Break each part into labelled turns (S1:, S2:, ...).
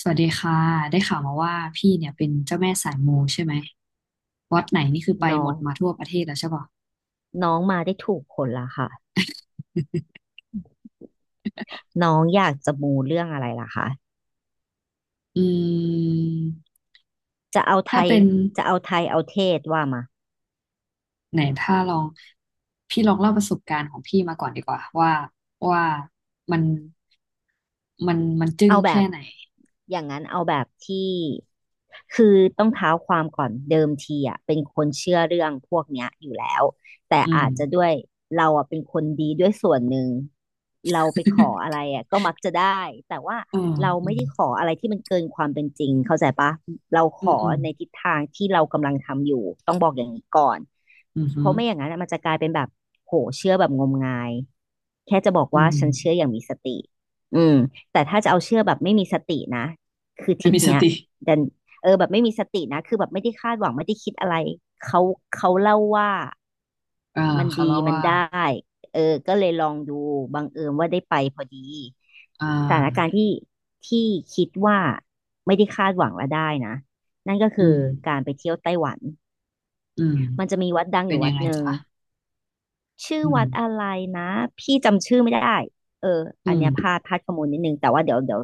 S1: สวัสดีค่ะได้ข่าวมาว่าพี่เนี่ยเป็นเจ้าแม่สายมูใช่ไหมวัดไหนนี่คือไป
S2: น้อ
S1: หมด
S2: ง
S1: มาทั่วประเทศแล้วใช่ปะ
S2: น้องมาได้ถูกคนละค่ะน้องอยากจะมูเรื่องอะไรล่ะคะ
S1: อืม
S2: จะเอาไท
S1: ถ้า
S2: ย
S1: เป็น
S2: จะเอาไทยเอาเทศว่ามา
S1: ไหนถ้าลองพี่ลองเล่าประสบการณ์ของพี่มาก่อนดีกว่าว่าว่ามันมันมันจึ้ง
S2: เอาแบ
S1: แค่
S2: บ
S1: ไหน
S2: อย่างนั้นเอาแบบที่คือต้องเท้าความก่อนเดิมทีอ่ะเป็นคนเชื่อเรื่องพวกเนี้ยอยู่แล้วแต่
S1: อืม
S2: อาจจะด้วยเราอ่ะเป็นคนดีด้วยส่วนหนึ่งเราไปขออะ ไรอ่ะก็มักจะได้แต่ว่า
S1: อืม
S2: เรา
S1: อื
S2: ไม่
S1: ม
S2: ได้ขออะไรที่มันเกินความเป็นจริงเข้าใจปะเราข
S1: อืม
S2: อ
S1: อืม
S2: ในทิศทางที่เรากำลังทำอยู่ต้องบอกอย่างนี้ก่อน
S1: อืมอื
S2: เพ
S1: ม
S2: ราะไม่อย่างนั้นอะมันจะกลายเป็นแบบโหเชื่อแบบงมงายแค่จะบอก
S1: อื
S2: ว่า
S1: ม
S2: ฉันเชื่ออย่างมีสติอืม แต่ถ้าจะเอาเชื่อแบบไม่มีสตินะคือท
S1: ไม่
S2: ริป
S1: มีส
S2: เนี้ย
S1: ติ
S2: ดันแบบไม่มีสตินะคือแบบไม่ได้คาดหวังไม่ได้คิดอะไรเขาเขาเล่าว่า
S1: อ่า
S2: มัน
S1: เขา
S2: ดี
S1: เล่า
S2: มัน
S1: ว่า
S2: ได้เออก็เลยลองดูบังเอิญว่าได้ไปพอดี
S1: อ่
S2: สถานการ
S1: า
S2: ณ์ที่ที่คิดว่าไม่ได้คาดหวังและได้นะนั่นก็
S1: อื
S2: คือ
S1: ม
S2: การไปเที่ยวไต้หวัน
S1: อืม
S2: มันจะมีวัดดังอ
S1: เป็น
S2: ยู่
S1: ยั
S2: วัด
S1: งไง
S2: หนึ่ง
S1: จ๊ะ
S2: ชื่อ
S1: อืม
S2: วัดอะไรนะพี่จำชื่อไม่ได้เออ
S1: อื
S2: อัน
S1: ม
S2: เนี้ยพลาดข้อมูลนิดนึงแต่ว่าเดี๋ยวเดี๋ยว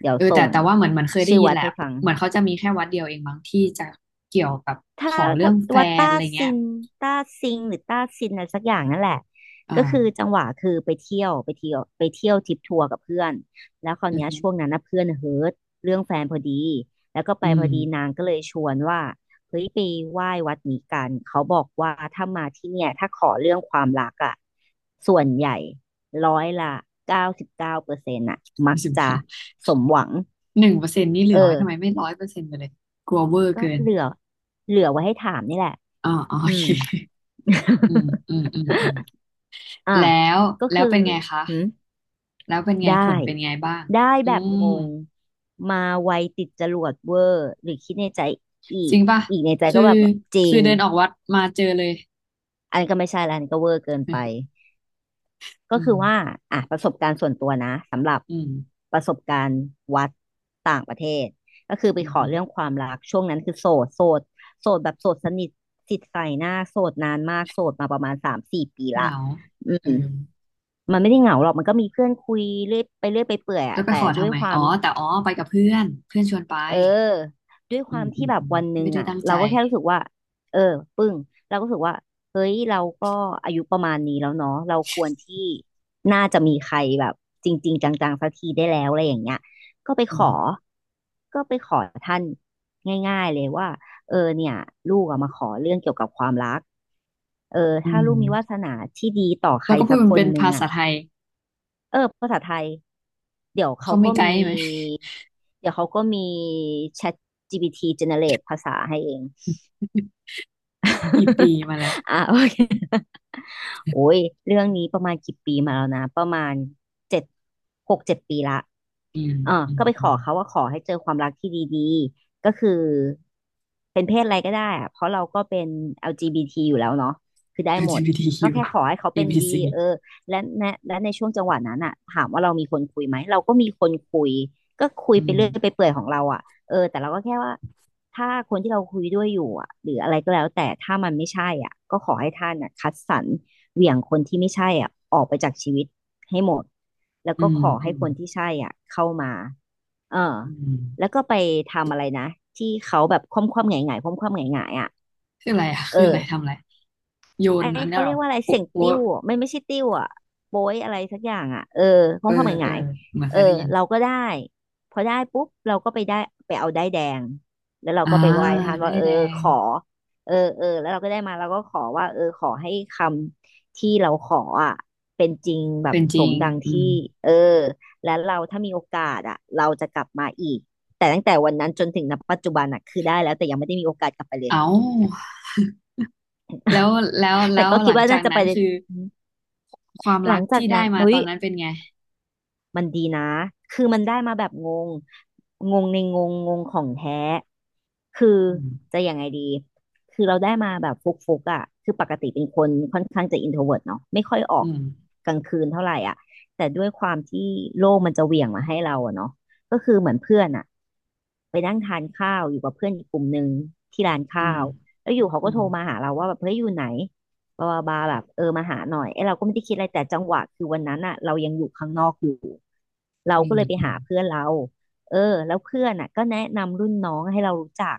S2: เดี๋ยว
S1: เออ
S2: ส่
S1: แต่
S2: ง
S1: แต่ว่าเหมือนเหมันเคยได้
S2: ชื่อ
S1: ยิน
S2: วัด
S1: แหละ
S2: ให้ฟัง
S1: เหมือนเขาจะมีแค่วัดเดียวเองบางที่จะเกี่ยวกับ
S2: ถ้า
S1: ขอเรื่
S2: ถ้า
S1: องแฟ
S2: ว่า
S1: น
S2: ต้า
S1: อะไรเงี้
S2: ซิ
S1: ย
S2: นต้าซิงหรือต้าซินอะไรสักอย่างนั่นแหละ
S1: อ่า
S2: ก็คือจังหวะคือไปเที่ยวไปเที่ยวไปเที่ยวทริปทัวร์กับเพื่อนแล้วคราว
S1: อื
S2: เนี้ย
S1: ม
S2: ช่วงนั้นนะเพื่อนเฮิร์ตเรื่องแฟนพอดีแล้วก็ไป
S1: อื
S2: พ
S1: ม
S2: อดีนางก็เลยชวนว่าเฮ้ยไปไหว้วัดนี้กันเขาบอกว่าถ้ามาที่เนี่ยถ้าขอเรื่องความรักอ่ะส่วนใหญ่ร้อยละเก้าสิบเก้าเปอร์เซ็นต์อ่ะมัก
S1: สิบ
S2: จะ
S1: เก้า
S2: สมหวัง
S1: หนึ่งเปอร์เซ็นต์นี่เห
S2: เอ
S1: ลือไว้ทำไม
S2: อ
S1: ไม่ร้อยเปอร์เซ็นต์ไปเลยกลัวเวอร์
S2: ก็
S1: เกิน
S2: เหลือไว้ให้ถามนี่แหละ
S1: อ๋ออ๋อโอ
S2: อื
S1: เค
S2: ม
S1: อืมอืมอืมอืม
S2: อ่า
S1: แล้ว
S2: ก็
S1: แล้
S2: คื
S1: ว
S2: อ
S1: เป็นไงคะ
S2: หืม
S1: แล้วเป็นไงผ
S2: ได้
S1: ลเป็นไงบ้าง
S2: ได้
S1: อื
S2: แบบง
S1: ม
S2: งมาไวติดจรวดเวอร์หรือคิดในใจอี
S1: จ
S2: ก
S1: ริงป่ะ
S2: ในใจ
S1: คื
S2: ก็แบ
S1: อ
S2: บจริ
S1: คื
S2: ง
S1: อเดินออกวัดมาเจอเลย
S2: อันนก็ไม่ใช่แล้วอันนก็เวอร์เกินไป ก็
S1: อื
S2: คือว่า
S1: ม
S2: อ่ะประสบการณ์ส่วนตัวนะสำหรับ
S1: อืม
S2: ประสบการณ์วัดต่างประเทศก็คือไป
S1: อื
S2: ขอเรื่อง
S1: ม
S2: ความรักช่วงนั้นคือโสดโสดโสดแบบโสดสนิทติดใส่หน้าโสดนานมากโสดมาประมาณสามสี่ปี
S1: เห
S2: ละ
S1: งา
S2: อื
S1: เออ
S2: ม มันไม่ได้เหงาหรอกมันก็มีเพื่อนคุยเรื่อยไปเรื่อยไปเปื่อย
S1: แล้
S2: อะ
S1: วไป
S2: แต่
S1: ขอ
S2: ด้
S1: ทำ
S2: วย
S1: ไม
S2: ควา
S1: อ๋
S2: ม
S1: อ แต่อ๋อ ไปกับเพื่อน เพื่อนชวนไป
S2: เออด้วยค
S1: อื
S2: วา
S1: ม
S2: ม
S1: อื
S2: ที่
S1: ม
S2: แบบ
S1: อืม
S2: วันหนึ่
S1: ไม่
S2: ง
S1: ได้
S2: อะ
S1: ตั้งใจ
S2: เราก็แค่รู้สึกว่าเออปึ้งเราก็รู้สึกว่าเฮ้ยเราก็อายุประมาณนี้แล้วเนาะเราควรที่น่าจะมีใครแบบจริงๆจังๆสักทีได้แล้วอะไรอย่างเงี้ยก็ไป
S1: อื
S2: ขอ
S1: ม
S2: ก็ไปขอท่านง่ายๆเลยว่าเออเนี่ยลูกอะมาขอเรื่องเกี่ยวกับความรักเออ
S1: อื
S2: ถ้าลูกมีวาส
S1: ม
S2: นาที่ดีต่อใค
S1: แล้
S2: ร
S1: วก็พูด
S2: สัก
S1: มั
S2: ค
S1: น
S2: น
S1: เป็น
S2: หนึ่ง
S1: ภาษา
S2: อะ
S1: ไทย
S2: เออภาษาไทยเดี๋ยวเขา
S1: เขาไม่
S2: ก็
S1: ไก
S2: มี
S1: ด์ไหม
S2: เดี๋ยวเขาก็มี Chat GPT generate ภาษาให้เอง
S1: กี่ปี มาแล้ว
S2: อ่ะโอเคโอ้ยเรื่องนี้ประมาณกี่ปีมาแล้วนะประมาณเจ็ดหกเจ็ดปีละ
S1: อืม
S2: เออ
S1: อื
S2: ก็
S1: ม
S2: ไปข
S1: อื
S2: อ
S1: ม
S2: เขาว่าขอให้เจอความรักที่ดีๆก็คือเป็นเพศอะไรก็ได้อะเพราะเราก็เป็น LGBT อลจีบีทีอยู่แล้วเนาะคือได้หมด ก็
S1: LGBTQ
S2: แค่ขอให้เขาเป็นดี
S1: ABC อบี
S2: เอ
S1: ซี
S2: อและในช่วงจังหวะนั้นอะถามว่าเรามีคนคุยไหมเราก็มีคนคุยก็คุย
S1: อื
S2: ไปเรื่อยไป
S1: ม
S2: เปื่อยของเราอะเออแต่เราก็แค่ว่าถ้าคนที่เราคุยด้วยอยู่อะหรืออะไรก็แล้วแต่ถ้ามันไม่ใช่อ่ะก็ขอให้ท่านอะคัดสรรเหวี่ยงคนที่ไม่ใช่อ่ะออกไปจากชีวิต ให้หมดแล้ว
S1: อื
S2: ก็
S1: ม
S2: ขอ
S1: อื
S2: ให้
S1: ม
S2: คนที่ใช่อ่ะเข้ามาเออ
S1: อืม
S2: แล้วก็ไปทำอะไรนะที่เขาแบบคว่ำคว่ำหงายหงายคว่ำคว่ำหงายหงายอ่ะ
S1: คืออะไรอ่ะ
S2: เออ
S1: คืออะไรทำอะไร โย
S2: ไอ้
S1: นอันเนี้ย
S2: เขา
S1: เหร
S2: เรีย
S1: อ
S2: กว่าอะไรเสี
S1: โป๊ะ
S2: ยงติ้
S1: โป๊ะ
S2: วอะมันไม่ใช่ติ้วอ่ะโป้ยอะไรสักอย่างอ่ะเออขอ
S1: เอ
S2: ง
S1: อ
S2: ความหมายห
S1: เออ
S2: งาย
S1: เหมือน
S2: เอ
S1: เค
S2: อ
S1: ยได้ยิน
S2: เราก็ได้พอได้ปุ๊บเราก็ไปได้ไปเอาได้ายแดงแล้วเรา
S1: อ่า
S2: ก็ไปไหว้ท่าน
S1: ได้
S2: ว่าเออ
S1: แด
S2: ข
S1: ง
S2: อเออเออแล้วเราก็ได้มาเราก็ขอว่าเออขอให้คำที่เราขออ่ะเป็นจริงแบบ
S1: เป็นจ
S2: ส
S1: ริ
S2: ม
S1: ง
S2: ดัง
S1: อื
S2: ที่
S1: ม
S2: เออแล้วเราถ้ามีโอกาสอ่ะเราจะกลับมาอีกแต่ตั้งแต่วันนั้นจนถึงณปัจจุบันอ่ะคือได้แล้วแต่ยังไม่ได้มีโอกาสกลับไปเลย
S1: เอ้า แล้วแล้ว
S2: แต่
S1: แล้ว
S2: ก็
S1: ห
S2: คิด
S1: ลัง
S2: ว่า
S1: จา
S2: น่า
S1: ก
S2: จะ
S1: นั้
S2: ไป
S1: นคือความ
S2: หลั
S1: รัก
S2: งจาก
S1: ที่ได้
S2: นั้น
S1: มา
S2: เฮ้
S1: ตอ
S2: ย
S1: นนั้นเป็นไง
S2: มันดีนะคือมันได้มาแบบงงงงในงงงงของแท้คือ
S1: อืม
S2: จะยังไงดีคือเราได้มาแบบฟุกฟุกอ่ะคือปกติเป็นคนค่อนข้างจะอินโทรเวิร์ตเนาะไม่ค่อยออ
S1: อื
S2: ก
S1: ม
S2: กลางคืนเท่าไหร่อ่ะแต่ด้วยความที่โลกมันจะเหวี่ยงมาให้เราอะเนาะก็คือเหมือนเพื่อนอ่ะไปนั่งทานข้าวอยู่กับเพื่อนอีกกลุ่มหนึ่งที่ร้าน
S1: อื
S2: ข้า
S1: ม
S2: วแล้วอยู่เขา
S1: อื
S2: ก็โท
S1: ม
S2: รมาหาเราว่าแบบเฮ้ยอยู่ไหน บาบาบาแบบเออมาหาหน่อยไอ้เราก็ไม่ได้คิดอะไรแต่จังหวะคือวันนั้นอ่ะเรายังอยู่ข้างนอกอยู่เรา
S1: อื
S2: ก็
S1: ม
S2: เลยไป
S1: อืม
S2: หาเพื่อนเราเออแล้วเพื่อนอ่ะก็แนะนำรุ่นน้องให้เรารู้จัก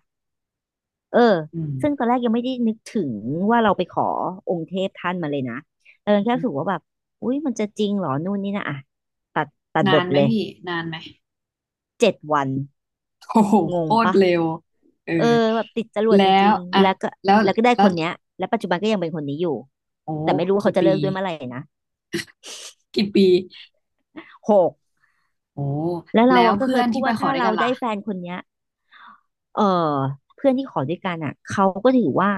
S2: เออ
S1: อื
S2: ซึ่งตอนแรกยังไม่ได้นึกถึงว่าเราไปขอองค์เทพท่านมาเลยนะเออแค่รู้สึก
S1: ม
S2: ว่าแบบอุ้ยมันจะจริงเหรอนู่นนี่นะอ่ะตัดตัดบ
S1: นา
S2: ท
S1: น
S2: ไป
S1: ไหม
S2: เลย
S1: พี่นานไหม
S2: 7 วัน
S1: โอ้โห
S2: ง
S1: โค
S2: ง
S1: ตร
S2: ปะ
S1: เร็วเออ
S2: เออแบบติดจรวดจ
S1: แล้
S2: ริ
S1: ว
S2: งๆ
S1: อะ
S2: แล้วก็
S1: แล้ว
S2: แล้วก็ได้
S1: แล้
S2: ค
S1: ว
S2: นเนี้ยและปัจจุบันก็ยังเป็นคนนี้อยู่
S1: โอ้
S2: แต่ไม่รู้ว่า
S1: กี่
S2: เขาจะ
S1: ปี
S2: เลิกด้วยเมื่อไหร่นะ
S1: กี่ปี
S2: 6
S1: โอ้
S2: แล้วเรา
S1: แล้ว
S2: อะก็
S1: เพื่
S2: เค
S1: อ
S2: ย
S1: น
S2: พู
S1: ที่
S2: ด
S1: ไป
S2: ว่า
S1: ขอ
S2: ถ้า
S1: ด้วย
S2: เรา
S1: กันล่ะ
S2: ได้แฟนคนเนี้ยเออเพื่อนที่ขอด้วยกันอ่ะเขาก็ถือว่า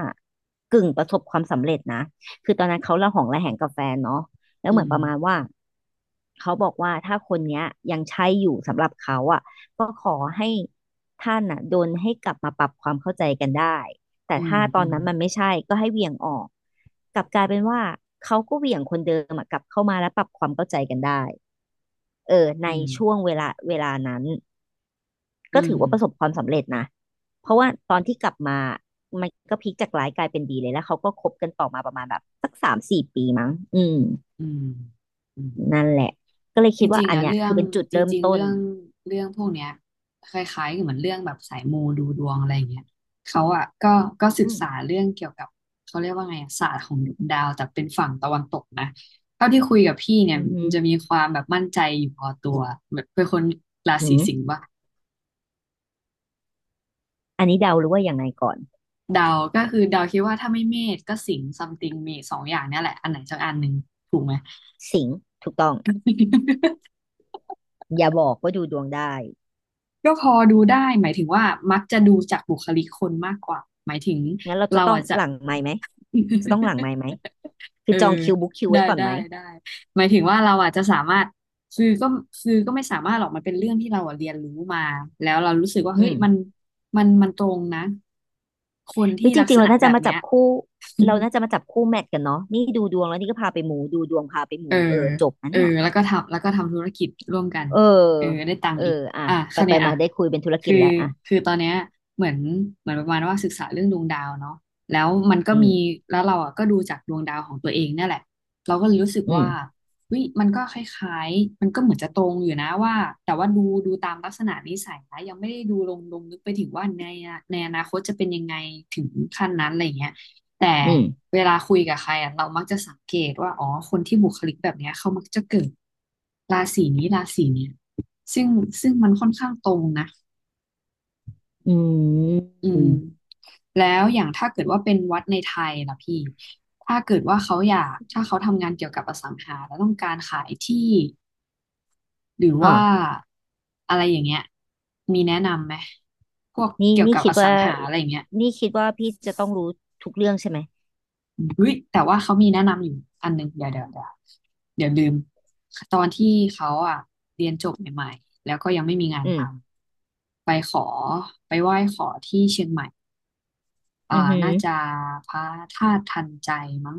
S2: กึ่งประสบความสำเร็จนะคือตอนนั้นเขาระหองระแหงกับแฟนเนาะแล้ว
S1: อื
S2: เหมือน
S1: ม
S2: ประมาณว่าเขาบอกว่าถ้าคนเนี้ยยังใช่อยู่สำหรับเขาอ่ะก็ขอให้ท่านอ่ะโดนให้กลับมาปรับความเข้าใจกันได้แต่
S1: อืม
S2: ถ้าต
S1: อื
S2: อน
S1: ม
S2: นั้นมันไม่ใช่ก็ให้เหวี่ยงออกกลับกลายเป็นว่าเขาก็เหวี่ยงคนเดิมอะกลับเข้ามาแล้วปรับความเข้าใจกันได้เออใน
S1: อืม
S2: ช่วงเวลานั้น ก็
S1: อืม
S2: ถือว่าประสบความสำเร็จนะ เพราะว่าตอนที่กลับมามันก็พลิกจากร้ายกลายเป็นดีเลยแล้วเขาก็คบกันต่อมาประมาณแบบอืม
S1: อืมอืม
S2: นั่นแหละก็เลย
S1: จ
S2: คิดว่า
S1: ริงๆ
S2: อัน
S1: อ่ะ
S2: เนี้ย
S1: เรื่อ
S2: คื
S1: ง
S2: อเป็นจุด
S1: จ
S2: เริ่ม
S1: ริงๆ
S2: ต้น
S1: เรื่องเรื่องพวกเนี้ยคล้ายๆกับเหมือนเรื่องแบบสายมูดูดวงอะไรอย่างเงี้ยเขาอ่ะก็ก็ศึ
S2: อื
S1: ก
S2: ม
S1: ษาเรื่องเกี่ยวกับเขาเรียกว่าไงอะศาสตร์ของดวงดาวแต่เป็นฝั่งตะวันตกนะเท่าที่คุยกับพี่เนี่ย
S2: อือหื
S1: มัน
S2: อ
S1: จะมีความแบบมั่นใจอยู่พอตัวแบบเป็นคนรา
S2: หื
S1: ศี
S2: ม
S1: สิงห์ว่า
S2: อันนี้เดาหรือว่ายังไงก่อน
S1: ดาวก็คือดาวคิดว่าถ้าไม่เมษก็สิงห์ซัมติงมีสองอย่างเนี่ยแหละอันไหนสักอันหนึ่งถูกไหม
S2: สิงห์ถูกต้อง อย่าบอกว่าดูดวงได้
S1: ก็พอดูได้หมายถึงว่ามักจะดูจากบุคลิกคนมากกว่าหมายถึง
S2: งั้นเราจะ
S1: เรา
S2: ต้อง
S1: อาจจะ
S2: หลังไมค์ไหม จะต้องหลังไมค์ไหม คื
S1: เอ
S2: อจอง
S1: อ
S2: คิวบุ๊กคิวไว้
S1: ได้
S2: ก่อนไหม
S1: ได้ได้หมายถึงว่าเราอาจจะสามารถคือก็คือก็ไม่สามารถหรอกมันเป็นเรื่องที่เราอะเรียนรู้มาแล้วเรารู้สึกว่า
S2: อื
S1: เฮ้ย
S2: ม
S1: มันมันตรงนะคน
S2: หรื
S1: ที่
S2: อจ
S1: ลัก
S2: ริ
S1: ษ
S2: งๆเรา
S1: ณะ
S2: น่า
S1: แบ
S2: จะ
S1: บ
S2: มา
S1: เนี้
S2: จับ
S1: ย
S2: คู่เรา น่าจะมาจับคู่แมทกันเนาะนี่ดูดวงแล้วนี่ก็พาไปหมูดูดวงพาไปห
S1: เอ
S2: มู
S1: อ
S2: เออจบนะ
S1: เออ
S2: เนี่ย
S1: แล้วก็ทำแล้วก็ทำธุรกิจร่วมกัน
S2: เออ
S1: เออได้ตัง
S2: เอ
S1: ค์
S2: อ
S1: อีก
S2: อ่ะ
S1: อ่ะค
S2: ไป
S1: ราว
S2: ไป
S1: เนี้ย
S2: มา
S1: อ่ะ
S2: ได้คุยเป็นธุรกิ
S1: คื
S2: จ
S1: อ
S2: แล้วอ่ะ
S1: คือตอนเนี้ยเหมือนเหมือนประมาณว่าศึกษาเรื่องดวงดาวเนาะแล้วมันก็
S2: อื
S1: มี
S2: ม
S1: แล้วเราอ่ะก็ดูจากดวงดาวของตัวเองเนี่ยแหละเราก็เลยรู้สึก
S2: อื
S1: ว่า
S2: ม
S1: เฮ้ยมันก็คล้ายๆมันก็เหมือนจะตรงอยู่นะว่าแต่ว่าดูดูตามลักษณะนิสัยนะยังไม่ได้ดูลงลึกไปถึงว่าในในอนาคตจะเป็นยังไงถึงขั้นนั้นอะไรอย่างเงี้ยแต่
S2: อืม
S1: เวลาคุยกับใครอ่ะเรามักจะสังเกตว่าอ๋อคนที่บุคลิกแบบเนี้ยเขามักจะเกิดราศีนี้ราศีเนี้ยซึ่งซึ่งมันค่อนข้างตรงนะ
S2: อื
S1: อื
S2: ม
S1: มแล้วอย่างถ้าเกิดว่าเป็นวัดในไทยล่ะพี่ถ้าเกิดว่าเขาอยากถ้าเขาทำงานเกี่ยวกับอสังหาแล้วต้องการขายที่ หรือ
S2: อ๋อ
S1: ว่าอะไรอย่างเงี้ย มีแนะนำไหมพวก
S2: นี่
S1: เกี่ยว
S2: นี่
S1: กับ
S2: คิ
S1: อ
S2: ด
S1: สั
S2: ว่า
S1: งหาอะไรอย่างเงี้ย
S2: นี่คิดว่าพี่จะต้องรู้ทุกเรื่องใช่ไหม
S1: เฮ้ยแต่ว่าเขามีแนะนำอยู่อันหนึ่งเดี๋ยวเดี๋ยวเดี๋ยวเดี๋ยวลืมตอนที่เขาอ่ะเรียนจบใหม่ๆแล้วก็ยังไม่มีงาน
S2: อื
S1: ท
S2: ม
S1: ำไปขอไปไหว้ขอที่เชียงใหม่
S2: อื
S1: อ่า
S2: อหือ
S1: น่าจะพระธาตุทันใจมั้ง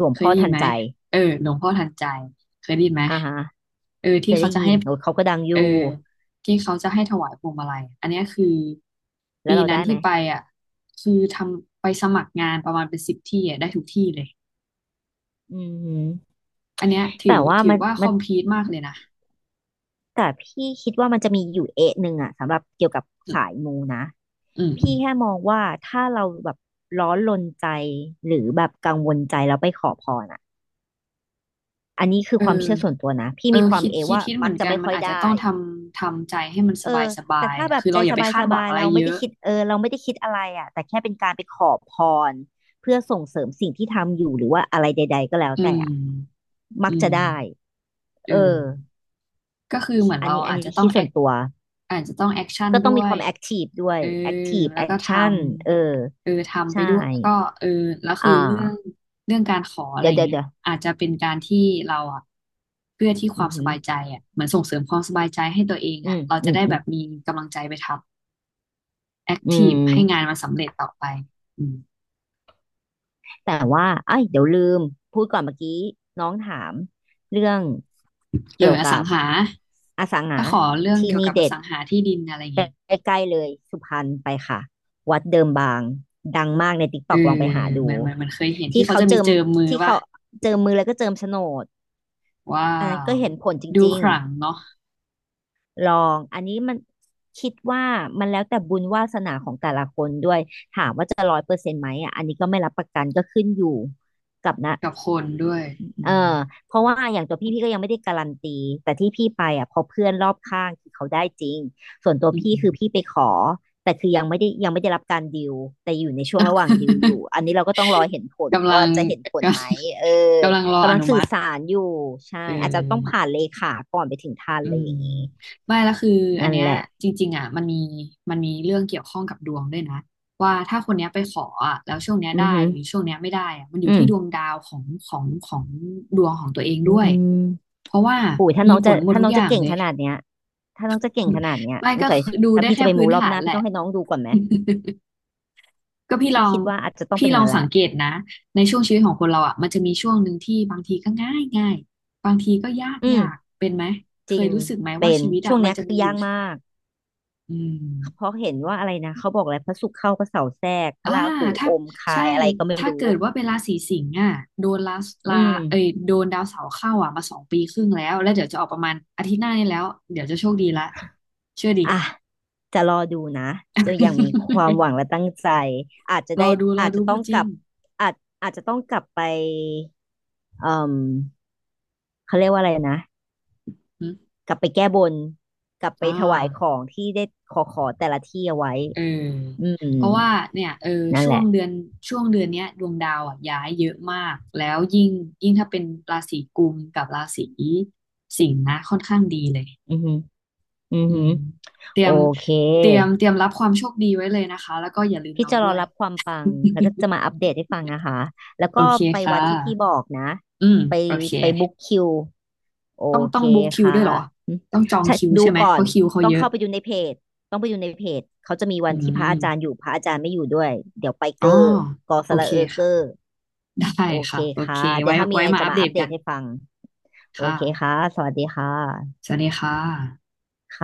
S2: รวม
S1: เคย
S2: ข้อ
S1: ได้
S2: ไ
S1: ยินไหม
S2: ทย
S1: เออหลวงพ่อทันใจเคยได้ยินไหม
S2: อ่าฮะ
S1: เออ
S2: เค
S1: ที่
S2: ยได้
S1: เขาจะ
S2: ยิน
S1: ให้
S2: โอ้ยเขาก็ดังอยู่
S1: เออที่เขาจะให้ถวายพวงมาลัยอันเนี้ยคือ
S2: แล้ว
S1: ปี
S2: เรา
S1: นั้น
S2: ได้ไหม
S1: ที่ไปอ่ะคือทำไปสมัครงานประมาณเป็นสิบที่อ่ะได้ทุกที่เลย
S2: อือหือ
S1: อันเนี้ย
S2: แต่
S1: ถือ
S2: ว่า
S1: ถือ
S2: มัน
S1: ว่าค
S2: มั
S1: อ
S2: น
S1: มพีทมากเลยนะ
S2: แต่พี่คิดว่ามันจะมีอยู่เอะหนึ่งอะสำหรับเกี่ยวกับ
S1: อืม
S2: สายมูนะ
S1: อืมอื
S2: พี่
S1: ม
S2: แค่มองว่าถ้าเราแบบร้อนรนใจหรือแบบกังวลใจแล้วไปขอพระ อันนี้คือ
S1: เอ
S2: ความ
S1: อ
S2: เชื่อส่วนตัวนะพี่
S1: เอ
S2: มี
S1: อ
S2: ความ
S1: คิด
S2: เอ
S1: คิด
S2: ว่า
S1: คิดเห
S2: มั
S1: มื
S2: ก
S1: อน
S2: จะ
S1: กัน
S2: ไม่
S1: มัน
S2: ค่อย
S1: อาจจะ
S2: ได้
S1: ต้องทำทำใจให้มันส
S2: เอ
S1: บาย
S2: อ
S1: สบา
S2: แต่
S1: ย
S2: ถ้า
S1: อ่ะ
S2: แบบ
S1: คือ
S2: ใจ
S1: เราอ
S2: ส
S1: ย่าไปคาดหวั
S2: บา
S1: ง
S2: ย
S1: อะ
S2: ๆ
S1: ไร
S2: เรา
S1: เย
S2: ไม่ได้
S1: อะ
S2: คิดเออเราไม่ได้คิดอะไรอ่ะแต่แค่เป็นการไปขอพรเพื่อส่งเสริมสิ่งที่ทำอยู่หรือว่าอะไรใดๆก็แล้ว
S1: อื
S2: แต่
S1: ม
S2: อะ
S1: อื
S2: มัก
S1: ม
S2: จะได้
S1: เอ
S2: เอ
S1: อ
S2: อ
S1: ก็คือเหมือน
S2: อัน
S1: เรา
S2: นี้อัน
S1: อาจ
S2: นี้
S1: จะต้อ
S2: คิ
S1: ง
S2: ด
S1: แอ
S2: ส่ว
S1: ค
S2: นตัว
S1: อาจจะต้องแอคชั่น
S2: ก็ต้อง
S1: ด้
S2: มี
S1: ว
S2: ค
S1: ย
S2: วามแอคทีฟด้วย
S1: เอ
S2: แอค
S1: อ
S2: ทีฟ
S1: แล้
S2: แอ
S1: วก็
S2: ค
S1: ท
S2: ชั่นเออ
S1: ำทำไป
S2: ใช่
S1: ด้วยแล้วก็เออแล้วคือ
S2: อ่า
S1: เรื่องเรื่องการขออะไร
S2: เดี๋ยว
S1: อย่าง
S2: เดี๋ยว
S1: เงี้ย
S2: เดี๋ยว
S1: อาจจะเป็นการที่เราอ่ะเพื่อที่ค
S2: อื
S1: วาม
S2: อ
S1: ส
S2: หือ
S1: บายใจอ่ะเหมือนส่งเสริมความสบายใจให้ตัวเอง
S2: อื
S1: อ่ะ
S2: ม
S1: เรา
S2: อื
S1: จะ
S2: ม
S1: ได้
S2: อื
S1: แบ
S2: ม
S1: บมีกำลังใจไปทำแอค
S2: อื
S1: ทีฟให้งาน
S2: ม
S1: มันสำเร็จต่อไปอืม
S2: แต่ว่าเอ้ยเดี๋ยวลืมพูดก่อนเมื่อกี้น้องถามเรื่องเกี่ยว
S1: อสั
S2: กั
S1: ง
S2: บ
S1: หา
S2: อสังหา
S1: ก็ขอเรื่อง
S2: ที่
S1: เกี่ยว
S2: นี่
S1: กับอ
S2: เด็ด
S1: สังหาที่ดินอะไรเงี้ย
S2: ใกล้ๆเลยสุพรรณไปค่ะวัดเดิมบางดังมากในติ๊ก
S1: เอ
S2: ต็
S1: อ
S2: อกลองไปหา
S1: เห
S2: ดู
S1: มือนเหมือนเหมันเคยเห็น
S2: ที่
S1: ที่เขา
S2: เขา
S1: จะมี
S2: เจิม
S1: เจิมมือ
S2: ที่
S1: ป่ะ
S2: เขาเจิมมือแล้วก็เจิมโฉนด
S1: ว้า
S2: อันนั้น
S1: ว
S2: ก็เห็นผลจ
S1: ดู
S2: ริ
S1: ข
S2: ง
S1: ลังเนาะ
S2: ๆลองอันนี้มันคิดว่ามันแล้วแต่บุญวาสนาของแต่ละคนด้วย เปอร์เซ็นต์ไหมอ่ะอันนี้ก็ไม่รับประกันก็ขึ้นอยู่กับนะ
S1: กับคนด้วยอื
S2: เอ
S1: ม
S2: อเพราะว่าอย่างตัวพี่ก็ยังไม่ได้การันตีแต่ที่พี่ไปอ่ะเพอเพื่อนรอบข้างคือเขาได้จริงส่วนตัว
S1: อืม
S2: พี่คือพี่ไปขอแต่คือยังไม่ได้รับการดิวแต่อยู่ในช่วงระหว่างดิวอยู่อันนี้เราก็ต้องรอเห็นผ ล
S1: กำลั
S2: ว่า
S1: ง
S2: จะเห็นผ
S1: ก
S2: ลไหมเออ
S1: ำกำลังรออ
S2: กำลัง
S1: นุ
S2: สื่
S1: มั
S2: อ
S1: ติ
S2: สารอยู่ใช่
S1: เอ
S2: อาจจะต้อง
S1: อ
S2: ผ่านเลขาก่อนไปถึงท่าน
S1: อื
S2: อะไร
S1: ม
S2: อย่างนี้
S1: ไม่แล้วคืออัน
S2: นั่น
S1: เนี้ย
S2: แหละ
S1: จริงๆอ่ะมันมีมันมีเรื่องเกี่ยวข้องกับดวงด้วยนะว่าถ้าคนเนี้ยไปขออ่ะแล้วช่วงเนี้ย
S2: อือ
S1: ได้
S2: หึ
S1: หรือช่วงเนี้ยไม่ได้อ่ะมันอ
S2: อื
S1: ยู่
S2: ม
S1: ที่ดวงดาวของดวงของตัวเอง
S2: อื
S1: ด้วย
S2: ม
S1: เพราะว่า
S2: โหยถ้า
S1: มี
S2: น้อง
S1: ผ
S2: จะ
S1: ลหมด
S2: ถ้า
S1: ทุ
S2: น้
S1: ก
S2: อง
S1: อ
S2: จะ
S1: ย่าง
S2: เก่ง
S1: เล
S2: ข
S1: ย
S2: นาดเนี้ยถ้าน้องจะเก่งขนาดเนี้ย
S1: ไม่
S2: สง
S1: ก็
S2: สัย
S1: ดู
S2: ถ้า
S1: ได้
S2: พี่
S1: แค่
S2: จะไปมู
S1: พื้น
S2: รอบ
S1: ฐา
S2: ห
S1: น
S2: น้า
S1: แห
S2: พี่ต้
S1: ละ
S2: องให้น้องดูก่อนไหม
S1: ก็พี่ล
S2: พี่
S1: อง
S2: คิดว่าอาจจะต้องเป็
S1: พี่
S2: นอ
S1: ล
S2: ย่า
S1: อ
S2: ง
S1: ง
S2: นั้นแห
S1: สั
S2: ละ
S1: งเกตนะในช่วงชีวิตของคนเราอ่ะมันจะมีช่วงหนึ่งที่บางทีก็ง่ายง่ายบางทีก็ยาก
S2: อืม
S1: ยากเป็นไหม
S2: จ
S1: เค
S2: ริ
S1: ย
S2: ง
S1: รู้สึกไหมว่า
S2: เป็น
S1: ชีวิต
S2: ช่
S1: อ่ะ
S2: วง
S1: มั
S2: เนี้
S1: น
S2: ย
S1: จะ
S2: คือ
S1: มีอ
S2: ยา
S1: ยู่
S2: ก
S1: ช่วง
S2: มาก
S1: อื
S2: เพ
S1: ม
S2: ราะเห็นว่าอะไรนะเขาบอกอะไรพระศุกร์เข้าพระเสาร์แทรกพระ
S1: อ่า
S2: ราหู
S1: ถ้า
S2: อมคา
S1: ใช่
S2: ยอะไรก็ไม่
S1: ถ้า
S2: รู้
S1: เกิดว่าเป็นราศีสิงห์อ่ะโดนลา
S2: อื
S1: ลา
S2: ม
S1: เอ้ยโดนดาวเสาร์เข้าอ่ะมาสองปีครึ่งแล้วแล้วเดี๋ยวจะออกประมาณอาทิตย์หน้านี้แล้วเดี๋ยวจะโชคดีละเชื่อดิ
S2: อ่ะจะรอดูนะจะยังมีความ หวังและตั้งใจอาจจะ
S1: ร
S2: ได้
S1: อดูรอ
S2: อาจ
S1: ดู
S2: จะต้
S1: พู
S2: อ
S1: ด
S2: ง
S1: จ
S2: ก
S1: ริ
S2: ลั
S1: ง
S2: บอาจอาจจะต้องกลับไปเอ่มเขาเรียกว่าอะไรนะ
S1: อืม
S2: กลับไปแก้บนกลับไป
S1: อ่า
S2: ถวายของที่ได้ขอขอแต่ละที่เอาไว้
S1: เออ
S2: อืม
S1: เพราะว่าเนี่ย
S2: นั่น
S1: ช่
S2: แห
S1: วง
S2: ละ
S1: เดือนช่วงเดือนเนี้ยดวงดาวอ่ะย้ายเยอะมากแล้วยิ่งถ้าเป็นราศีกุมกับราศีสิงห์นะค่อนข้างดีเลย
S2: อือหืออือ
S1: อื
S2: หือ
S1: มเตรี
S2: โอ
S1: ยม
S2: เค
S1: เตรียมเตรียมรับความโชคดีไว้เลยนะคะแล้วก็อย่าลืม
S2: พี่
S1: น้อง
S2: จะร
S1: ด้
S2: อ
S1: วย
S2: รับความปังแล้ วก็จะมาอัปเดตให้ฟังนะคะแล้ว
S1: โอ
S2: ก็
S1: เค
S2: ไป
S1: ค่ะ
S2: วัดที่พี่บอกนะ
S1: อืม
S2: ไป
S1: โอเค
S2: ไปบุ๊กคิวโอ
S1: ต้อง
S2: เค
S1: ต้องบุ๊กคิว
S2: ค่ะ
S1: ด้วยเหรอ
S2: อืม
S1: ต้องจอง
S2: ใช่
S1: คิว
S2: ดู
S1: ใช่ไหม
S2: ก่อ
S1: เพ
S2: น
S1: ราะคิวเขา
S2: ต้อง
S1: เยอะ
S2: เข้าไปดูในเพจต้องไปดูในเพจเขาจะมีวั
S1: อื
S2: นที่พระอาจารย์อยู่
S1: ม
S2: พระอาจารย์ไม่อยู่ด้วยเดี๋ยวไปเก
S1: อ๋อ
S2: อร์กอส
S1: โอ
S2: ระ
S1: เค
S2: เออเก
S1: ค่ะ
S2: อร์
S1: ได้
S2: โอเค
S1: ค่ะโอ
S2: ค่ะ
S1: เค
S2: เดี๋ย
S1: ไว้
S2: วถ้ามี
S1: ไว้
S2: ไง
S1: มา
S2: จะ
S1: อัป
S2: มา
S1: เด
S2: อั
S1: ต
S2: ปเด
S1: กั
S2: ต
S1: น
S2: ให้ฟัง โอ
S1: ค
S2: เคค่ะ
S1: ่ะ
S2: สวัสดีค่ะ
S1: สวัสดีค่ะ
S2: ค่ะ